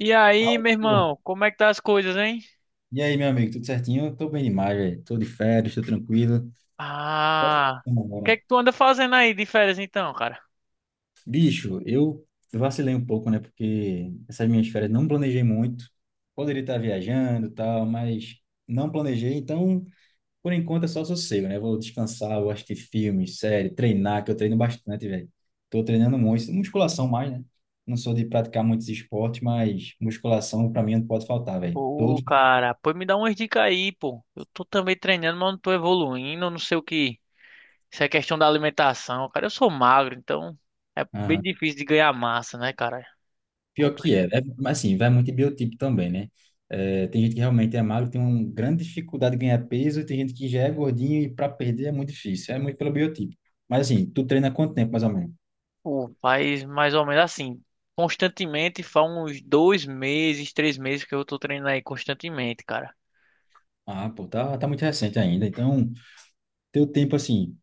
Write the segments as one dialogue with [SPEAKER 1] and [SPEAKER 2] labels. [SPEAKER 1] E aí,
[SPEAKER 2] Fala,
[SPEAKER 1] meu
[SPEAKER 2] pô.
[SPEAKER 1] irmão, como é que tá as coisas, hein?
[SPEAKER 2] E aí, meu amigo, tudo certinho? Eu tô bem demais, velho. Tô de férias, tô tranquilo.
[SPEAKER 1] Ah,
[SPEAKER 2] Vamos
[SPEAKER 1] o que é
[SPEAKER 2] embora.
[SPEAKER 1] que tu anda fazendo aí de férias então, cara?
[SPEAKER 2] Bicho, eu vacilei um pouco, né? Porque essas minhas férias não planejei muito. Poderia estar viajando e tal, mas não planejei. Então, por enquanto é só sossego, né? Vou descansar, vou assistir filme, série, treinar, que eu treino bastante, velho. Tô treinando muito. Musculação mais, né? Não sou de praticar muitos esportes, mas musculação pra mim não pode faltar, velho.
[SPEAKER 1] Pô,
[SPEAKER 2] Todo dia.
[SPEAKER 1] cara, pô, me dá umas dicas aí, pô. Eu tô também treinando, mas não tô evoluindo, eu não sei o que. Isso é questão da alimentação, cara. Eu sou magro, então é bem difícil de ganhar massa, né, cara?
[SPEAKER 2] Pior que
[SPEAKER 1] Complicado.
[SPEAKER 2] é, né? Mas assim, vai muito em biotipo também, né? É, tem gente que realmente é magro, tem uma grande dificuldade de ganhar peso, e tem gente que já é gordinho e para perder é muito difícil, é muito pelo biotipo. Mas assim, tu treina há quanto tempo mais ou menos?
[SPEAKER 1] Pô, faz mais ou menos assim. Constantemente, faz uns dois meses, três meses que eu tô treinando aí constantemente, cara.
[SPEAKER 2] Ah, pô, tá, tá muito recente ainda. Então, teu tempo, assim,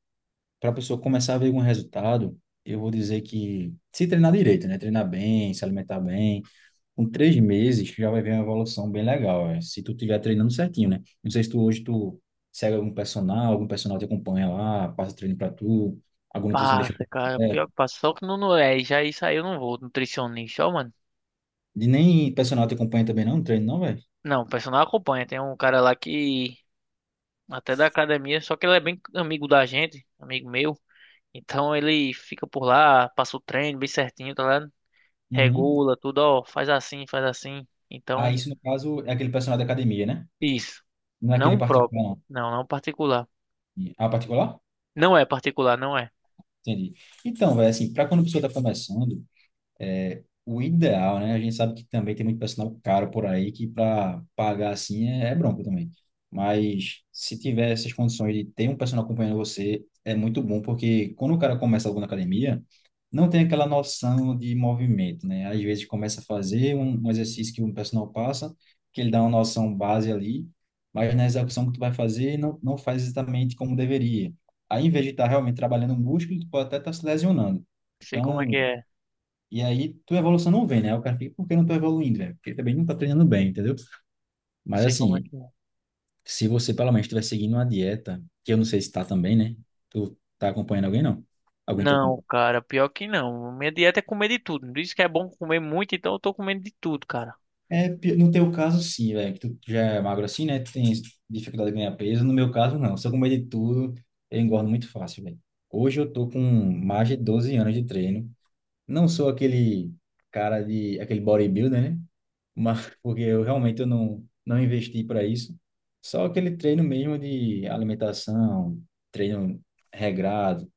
[SPEAKER 2] para a pessoa começar a ver algum resultado, eu vou dizer que se treinar direito, né? Treinar bem, se alimentar bem, com 3 meses tu já vai ver uma evolução bem legal, é, se tu estiver treinando certinho, né? Não sei se tu hoje tu segue algum personal te acompanha lá, passa treino pra tu, algum nutricionista.
[SPEAKER 1] Passa, cara.
[SPEAKER 2] É,
[SPEAKER 1] Pior que passa. Só que não é, já isso aí eu não vou, nutricionista, ó, mano.
[SPEAKER 2] e nem personal te acompanha também não, treino não, velho?
[SPEAKER 1] Não, o personal acompanha. Tem um cara lá que até da academia, só que ele é bem amigo da gente, amigo meu. Então ele fica por lá, passa o treino bem certinho, tá ligado?
[SPEAKER 2] Uhum.
[SPEAKER 1] Regula tudo, ó, faz assim, faz assim.
[SPEAKER 2] Ah,
[SPEAKER 1] Então,
[SPEAKER 2] isso no caso é aquele personal da academia, né?
[SPEAKER 1] isso.
[SPEAKER 2] Não é aquele
[SPEAKER 1] Não próprio.
[SPEAKER 2] particular,
[SPEAKER 1] Não, não particular.
[SPEAKER 2] não. Ah, particular?
[SPEAKER 1] Não é particular, não é.
[SPEAKER 2] Entendi. Então, velho, assim, para quando a pessoa está começando, é, o ideal, né? A gente sabe que também tem muito personal caro por aí que para pagar assim é bronco também. Mas se tiver essas condições de ter um personal acompanhando você, é muito bom, porque quando o cara começa algo na academia, não tem aquela noção de movimento, né? Às vezes começa a fazer um exercício que um personal passa, que ele dá uma noção base ali, mas na execução que tu vai fazer, não faz exatamente como deveria. Aí, em vez de estar realmente trabalhando o músculo, tu pode até estar se lesionando.
[SPEAKER 1] Sei como é que
[SPEAKER 2] Então,
[SPEAKER 1] é.
[SPEAKER 2] e aí, tua evolução não vem, né? O cara fica, por que não tô evoluindo, velho? Porque também não tá treinando bem, entendeu? Mas
[SPEAKER 1] Sei como é
[SPEAKER 2] assim,
[SPEAKER 1] que é.
[SPEAKER 2] se você pelo menos estiver seguindo uma dieta, que eu não sei se tá também, né? Tu tá acompanhando alguém, não? Alguém te
[SPEAKER 1] Não,
[SPEAKER 2] acompanha?
[SPEAKER 1] cara, pior que não. Minha dieta é comer de tudo. Diz que é bom comer muito, então eu tô comendo de tudo, cara.
[SPEAKER 2] É, no teu caso, sim, velho. Que Tu já é magro assim, né? Tu tem dificuldade de ganhar peso. No meu caso, não. Se eu comer de tudo, eu engordo muito fácil, velho. Hoje eu tô com mais de 12 anos de treino. Não sou aquele cara de... Aquele bodybuilder, né? Mas porque eu realmente eu não investi para isso. Só aquele treino mesmo de alimentação, treino regrado.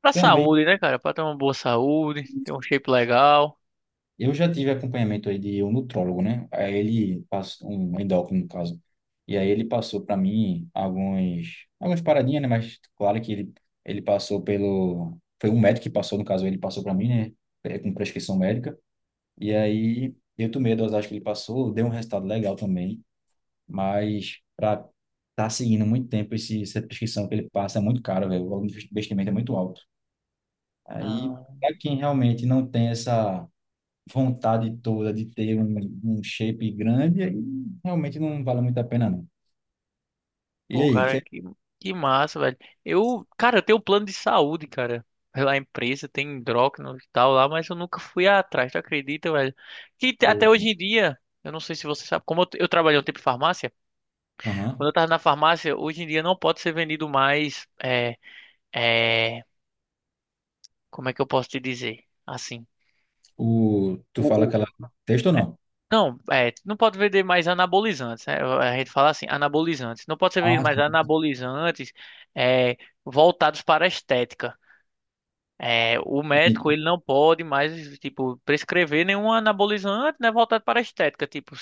[SPEAKER 1] Pra
[SPEAKER 2] Também
[SPEAKER 1] saúde, né, cara? Pra ter uma boa saúde, ter um shape legal.
[SPEAKER 2] eu já tive acompanhamento aí de um nutrólogo, né? Aí ele passou um endócrino no caso. E aí ele passou para mim alguns algumas paradinhas, né? Mas claro que ele passou pelo foi um médico que passou no caso, ele passou para mim, né? É, com prescrição médica. E aí eu tomei a dosagem que ele passou, deu um resultado legal também. Mas para estar tá seguindo muito tempo esse, essa prescrição que ele passa é muito caro, velho. O valor do investimento é muito alto. Aí,
[SPEAKER 1] Ah.
[SPEAKER 2] para quem realmente não tem essa vontade toda de ter um shape grande, aí realmente não vale muito a pena, não. E
[SPEAKER 1] Pô,
[SPEAKER 2] aí, que
[SPEAKER 1] cara,
[SPEAKER 2] é...
[SPEAKER 1] que massa, velho. Eu, cara, eu tenho um plano de saúde, cara. Pela empresa, tem endócrino e tal lá, mas eu nunca fui atrás, tu acredita, velho? Que te- até
[SPEAKER 2] O,
[SPEAKER 1] hoje em dia, eu não sei se você sabe, como eu trabalhei um tempo em farmácia,
[SPEAKER 2] aham.
[SPEAKER 1] quando eu tava na farmácia, hoje em dia não pode ser vendido mais, é, como é que eu posso te dizer? Assim,
[SPEAKER 2] O, tu fala
[SPEAKER 1] o-
[SPEAKER 2] aquela texto ou não?
[SPEAKER 1] não, é, não pode vender mais anabolizantes, né? A gente fala assim, anabolizantes. Não pode ser
[SPEAKER 2] Ah,
[SPEAKER 1] vendido mais
[SPEAKER 2] sim.
[SPEAKER 1] anabolizantes, é, voltados para a estética. É, o médico ele não pode mais tipo prescrever nenhum anabolizante, né, voltado para a estética, tipo,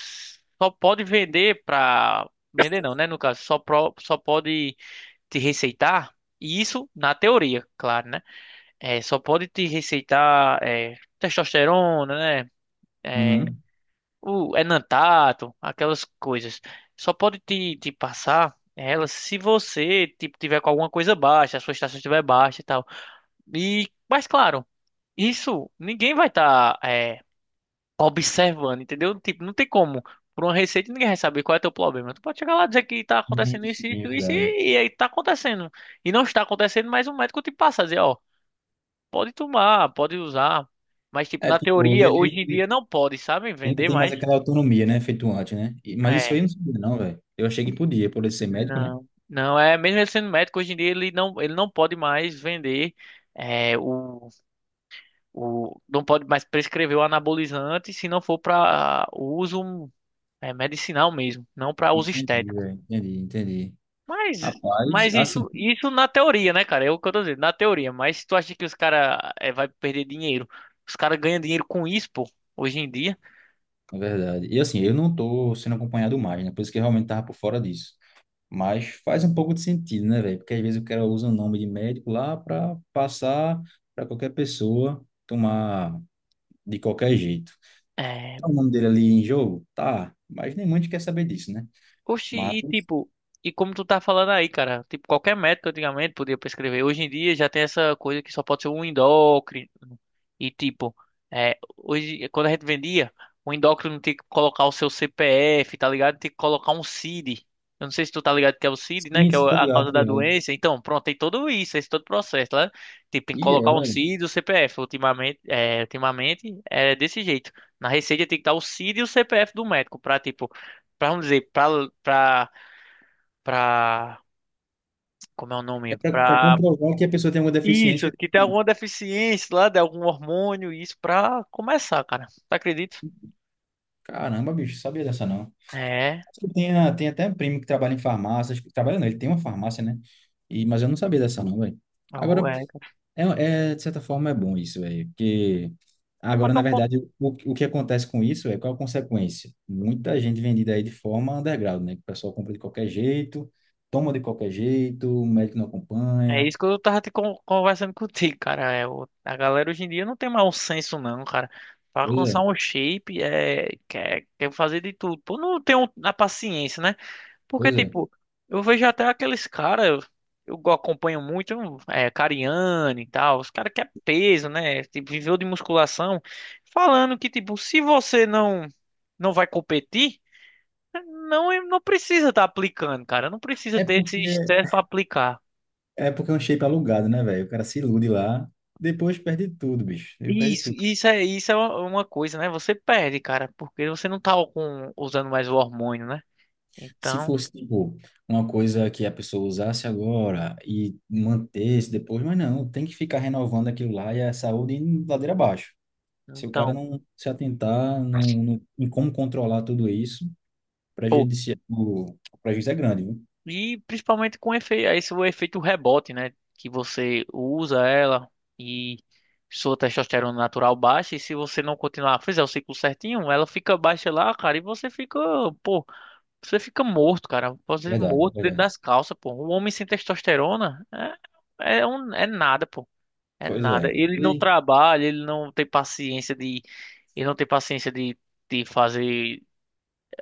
[SPEAKER 1] só pode vender para vender não, né, no caso, só pro- só pode te receitar e isso na teoria, claro, né? É, só pode te receitar é, testosterona, né? É,
[SPEAKER 2] Uhum.
[SPEAKER 1] o enantato, aquelas coisas. Só pode te passar elas se você tipo tiver com alguma coisa baixa, a sua estação estiver baixa e tal. E mas claro, isso ninguém vai estar observando, entendeu? Tipo, não tem como. Por uma receita ninguém vai saber qual é teu problema. Tu pode chegar lá e dizer que tá acontecendo isso,
[SPEAKER 2] Sim, é
[SPEAKER 1] isso, isso,
[SPEAKER 2] verdade.
[SPEAKER 1] e aí tá acontecendo. E não está acontecendo, mas o médico te passa a dizer, ó, pode tomar, pode usar. Mas, tipo,
[SPEAKER 2] É,
[SPEAKER 1] na
[SPEAKER 2] tipo,
[SPEAKER 1] teoria,
[SPEAKER 2] ele,
[SPEAKER 1] hoje em dia
[SPEAKER 2] ele
[SPEAKER 1] não pode, sabe?
[SPEAKER 2] ele não
[SPEAKER 1] Vender
[SPEAKER 2] tem mais
[SPEAKER 1] mais.
[SPEAKER 2] aquela autonomia, né? Feito antes, né? E- mas isso
[SPEAKER 1] É.
[SPEAKER 2] aí eu não sabia, não, velho. Eu achei que podia, por ele ser médico, né?
[SPEAKER 1] Não. Não, é mesmo ele sendo médico, hoje em dia ele não pode mais vender. É, o, não pode mais prescrever o anabolizante se não for para uso É medicinal mesmo, não para uso
[SPEAKER 2] Entendi,
[SPEAKER 1] estético.
[SPEAKER 2] velho. Entendi, entendi.
[SPEAKER 1] Mas,
[SPEAKER 2] Rapaz,
[SPEAKER 1] mas
[SPEAKER 2] assim,
[SPEAKER 1] isso, isso na teoria, né, cara? É o que eu tô dizendo, na teoria. Mas tu acha que os caras é, vai perder dinheiro? Os caras ganham dinheiro com isso, pô, hoje em dia.
[SPEAKER 2] é verdade. E assim, eu não tô sendo acompanhado mais, né? Por isso que eu realmente tava por fora disso. Mas faz um pouco de sentido, né, velho? Porque às vezes o cara usa o nome de médico lá para passar para qualquer pessoa tomar de qualquer jeito.
[SPEAKER 1] É,
[SPEAKER 2] Tá o nome dele ali em jogo? Tá. Mas nem muito quer saber disso, né?
[SPEAKER 1] oxi,
[SPEAKER 2] Mas,
[SPEAKER 1] e tipo, e como tu tá falando aí, cara, tipo, qualquer médico antigamente podia prescrever. Hoje em dia já tem essa coisa que só pode ser um endócrino. E tipo, é, hoje, quando a gente vendia, o endócrino tinha que colocar o seu CPF, tá ligado? Tinha que colocar um CID. Eu não sei se tu tá ligado que é o CID, né? Que é
[SPEAKER 2] isso,
[SPEAKER 1] o-
[SPEAKER 2] tô
[SPEAKER 1] a
[SPEAKER 2] ligado,
[SPEAKER 1] causa
[SPEAKER 2] tô
[SPEAKER 1] da
[SPEAKER 2] ligado.
[SPEAKER 1] doença. Então, pronto, tem tudo isso, esse todo processo, né? Tipo, tem que
[SPEAKER 2] E é,
[SPEAKER 1] colocar um
[SPEAKER 2] velho.
[SPEAKER 1] CID e o CPF. Ultimamente, ultimamente é desse jeito. Na receita tem que estar o CID e o CPF do médico pra, tipo, pra, vamos dizer, pra, pra, pra, como é o
[SPEAKER 2] É
[SPEAKER 1] nome?
[SPEAKER 2] pra, pra
[SPEAKER 1] Pra,
[SPEAKER 2] comprovar que a pessoa tem alguma deficiência.
[SPEAKER 1] isso, que tem alguma deficiência lá, de algum hormônio, isso pra começar, cara. Tu acredita?
[SPEAKER 2] Caramba, bicho, sabia dessa não.
[SPEAKER 1] É,
[SPEAKER 2] Tem, a- tem até um primo que trabalha em farmácia, acho que trabalha não, ele tem uma farmácia, né? E, mas eu não sabia dessa não, velho.
[SPEAKER 1] oh,
[SPEAKER 2] Agora,
[SPEAKER 1] é.
[SPEAKER 2] é, é, de certa forma é bom isso, velho, porque agora, na
[SPEAKER 1] Então, com-
[SPEAKER 2] verdade, o que acontece com isso é qual a consequência? Muita gente vendida aí de forma underground, né? Que o pessoal compra de qualquer jeito, toma de qualquer jeito, o médico não
[SPEAKER 1] é
[SPEAKER 2] acompanha,
[SPEAKER 1] isso que eu tava te con- conversando contigo, cara. É, o- a galera hoje em dia não tem mais um senso, não, cara. Pra
[SPEAKER 2] pois
[SPEAKER 1] alcançar
[SPEAKER 2] é,
[SPEAKER 1] um shape, é, quer fazer de tudo. Pô, não tem um- a paciência, né? Porque,
[SPEAKER 2] pois é.
[SPEAKER 1] tipo, eu vejo até aqueles caras, eu acompanho muito, é, Cariani e tal, os caras que é peso, né? Tipo, viveu de musculação, falando que, tipo, se você não vai competir, não precisa estar aplicando, cara. Não precisa
[SPEAKER 2] É
[SPEAKER 1] ter esse
[SPEAKER 2] porque,
[SPEAKER 1] estresse pra aplicar.
[SPEAKER 2] é porque é um shape alugado, né, velho? O cara se ilude lá, depois perde tudo, bicho, ele perde
[SPEAKER 1] Isso,
[SPEAKER 2] tudo.
[SPEAKER 1] isso é uma coisa, né? Você perde, cara, porque você não tá com, usando mais o hormônio, né?
[SPEAKER 2] Se
[SPEAKER 1] Então,
[SPEAKER 2] fosse, tipo, uma coisa que a pessoa usasse agora e mantesse depois, mas não, tem que ficar renovando aquilo lá e a saúde indo ladeira abaixo. Se o cara
[SPEAKER 1] então.
[SPEAKER 2] não se atentar não, não, em como controlar tudo isso, o prejuízo é grande, viu?
[SPEAKER 1] E principalmente com efeito, esse é o efeito rebote, né? Que você usa ela e sua testosterona natural baixa. E se você não continuar, fizer o ciclo certinho, ela fica baixa lá, cara. E você fica, pô, você fica morto, cara. Você fica
[SPEAKER 2] Verdade,
[SPEAKER 1] morto dentro
[SPEAKER 2] verdade.
[SPEAKER 1] das calças, pô. Um homem sem testosterona é nada, pô. É
[SPEAKER 2] Pois
[SPEAKER 1] nada.
[SPEAKER 2] é.
[SPEAKER 1] Ele
[SPEAKER 2] E
[SPEAKER 1] não
[SPEAKER 2] aí?
[SPEAKER 1] trabalha, ele não tem paciência de, ele não tem paciência de fazer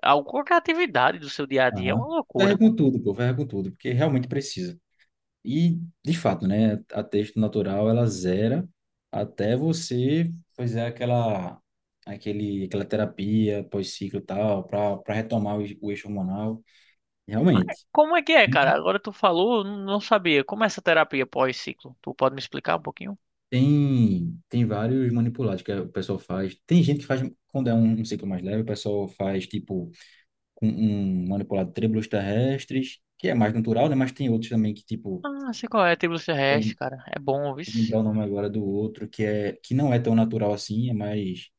[SPEAKER 1] alguma qualquer atividade do seu dia a dia. É
[SPEAKER 2] Aham.
[SPEAKER 1] uma loucura.
[SPEAKER 2] Ferra com tudo, pô, ferra com tudo, porque realmente precisa. E, de fato, né, a texto natural ela zera até você fazer aquela terapia pós-ciclo e tal, para retomar o eixo hormonal. Realmente.
[SPEAKER 1] Como é que é,
[SPEAKER 2] E
[SPEAKER 1] cara? Agora tu falou, eu não sabia. Como é essa terapia pós-ciclo? Tu pode me explicar um pouquinho?
[SPEAKER 2] tem vários manipulados que o pessoal faz. Tem gente que faz, quando é um ciclo mais leve, o pessoal faz, tipo, com um manipulado de trêbulos terrestres, que é mais natural, né? Mas tem outros também que, tipo,
[SPEAKER 1] Ah, sei qual é, tribulus
[SPEAKER 2] eu
[SPEAKER 1] terrestre,
[SPEAKER 2] não
[SPEAKER 1] cara. É bom,
[SPEAKER 2] vou
[SPEAKER 1] vice.
[SPEAKER 2] lembrar o nome agora do outro, que não é tão natural assim, é mais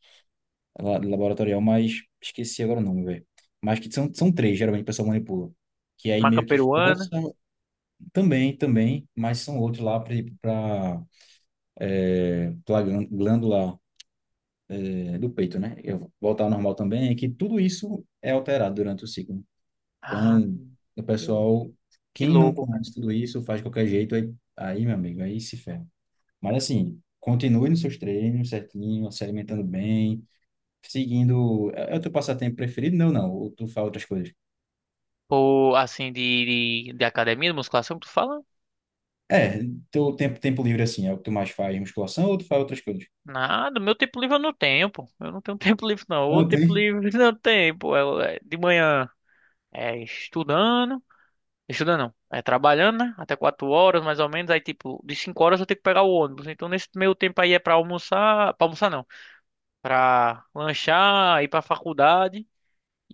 [SPEAKER 2] laboratorial, mas esqueci agora o nome, velho. Mas que são três, geralmente o pessoal manipula. Que aí
[SPEAKER 1] Maca
[SPEAKER 2] meio que
[SPEAKER 1] peruana.
[SPEAKER 2] força também, também, mas são outros lá para a glândula é, do peito, né? Eu voltar ao normal também, é que tudo isso é alterado durante o ciclo.
[SPEAKER 1] Ah,
[SPEAKER 2] Então, o
[SPEAKER 1] que,
[SPEAKER 2] pessoal,
[SPEAKER 1] que
[SPEAKER 2] quem não
[SPEAKER 1] louco, cara.
[SPEAKER 2] conhece tudo isso, faz de qualquer jeito, aí, aí meu amigo, aí se ferra. Mas assim, continue nos seus treinos certinho, se alimentando bem, seguindo. É é o teu passatempo preferido? Não, não. Ou tu faz outras coisas?
[SPEAKER 1] Pô, assim, de academia, de musculação que tu fala?
[SPEAKER 2] É, teu tempo, tempo livre assim, é o que tu mais faz, musculação ou tu faz outras coisas?
[SPEAKER 1] Nada, meu tempo livre eu não tenho, pô. Eu não tenho tempo livre, não. O
[SPEAKER 2] Não
[SPEAKER 1] tempo
[SPEAKER 2] tem?
[SPEAKER 1] livre não tem, pô. É de manhã é estudando. Estudando não. É trabalhando, né? Até quatro horas, mais ou menos. Aí, tipo, de cinco horas eu tenho que pegar o ônibus. Então, nesse meio tempo aí é pra almoçar. Pra almoçar, não. Pra lanchar, ir pra faculdade.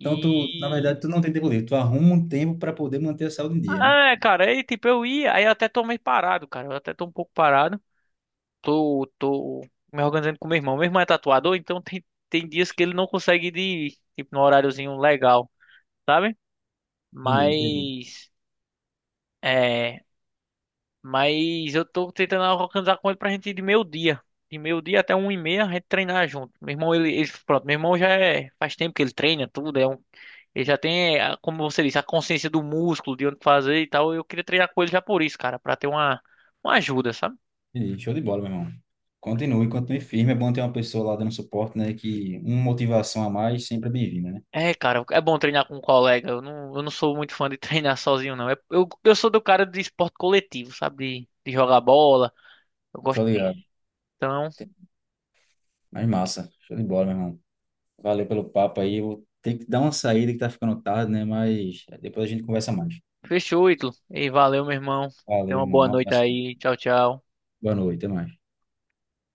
[SPEAKER 2] Então, tu, na verdade, tu não tem tempo livre, tu arruma um tempo para poder manter a saúde em dia, né?
[SPEAKER 1] Ah, é, cara, aí, tipo, eu ia. Aí eu até tô meio parado, cara. Eu até tô um pouco parado. Tô me organizando com meu irmão. Meu irmão é tatuador, então tem dias que ele não consegue ir, de- tipo, no horáriozinho legal, sabe?
[SPEAKER 2] Entendi, entendi.
[SPEAKER 1] Mas. É. Mas eu tô tentando organizar com ele pra gente ir de meio-dia. De meio-dia até um e meia a gente treinar junto. Meu irmão, pronto, meu irmão já é, faz tempo que ele treina tudo, é um, ele já tem, a- como você disse, a consciência do músculo, de onde fazer e tal. Eu queria treinar com ele já por isso, cara, pra ter uma ajuda, sabe?
[SPEAKER 2] Entendi. Show de bola, meu irmão. Continue, continue firme. É bom ter uma pessoa lá dando suporte, né? Que uma motivação a mais sempre é bem-vinda, né?
[SPEAKER 1] É, cara, é bom treinar com um colega. Eu não sou muito fã de treinar sozinho, não. É- eu sou do cara de esporte coletivo, sabe? De jogar bola. Eu gosto
[SPEAKER 2] Tô
[SPEAKER 1] disso.
[SPEAKER 2] ligado.
[SPEAKER 1] Então,
[SPEAKER 2] Mas massa. Show de bola, meu irmão. Valeu pelo papo aí. Eu vou ter que dar uma saída que tá ficando tarde, né? Mas depois a gente conversa mais.
[SPEAKER 1] fechou, Ítalo. E valeu, meu irmão.
[SPEAKER 2] Valeu,
[SPEAKER 1] Tenha uma
[SPEAKER 2] irmão.
[SPEAKER 1] boa
[SPEAKER 2] Um
[SPEAKER 1] noite
[SPEAKER 2] abraço.
[SPEAKER 1] aí. Tchau, tchau.
[SPEAKER 2] Boa noite, até mais.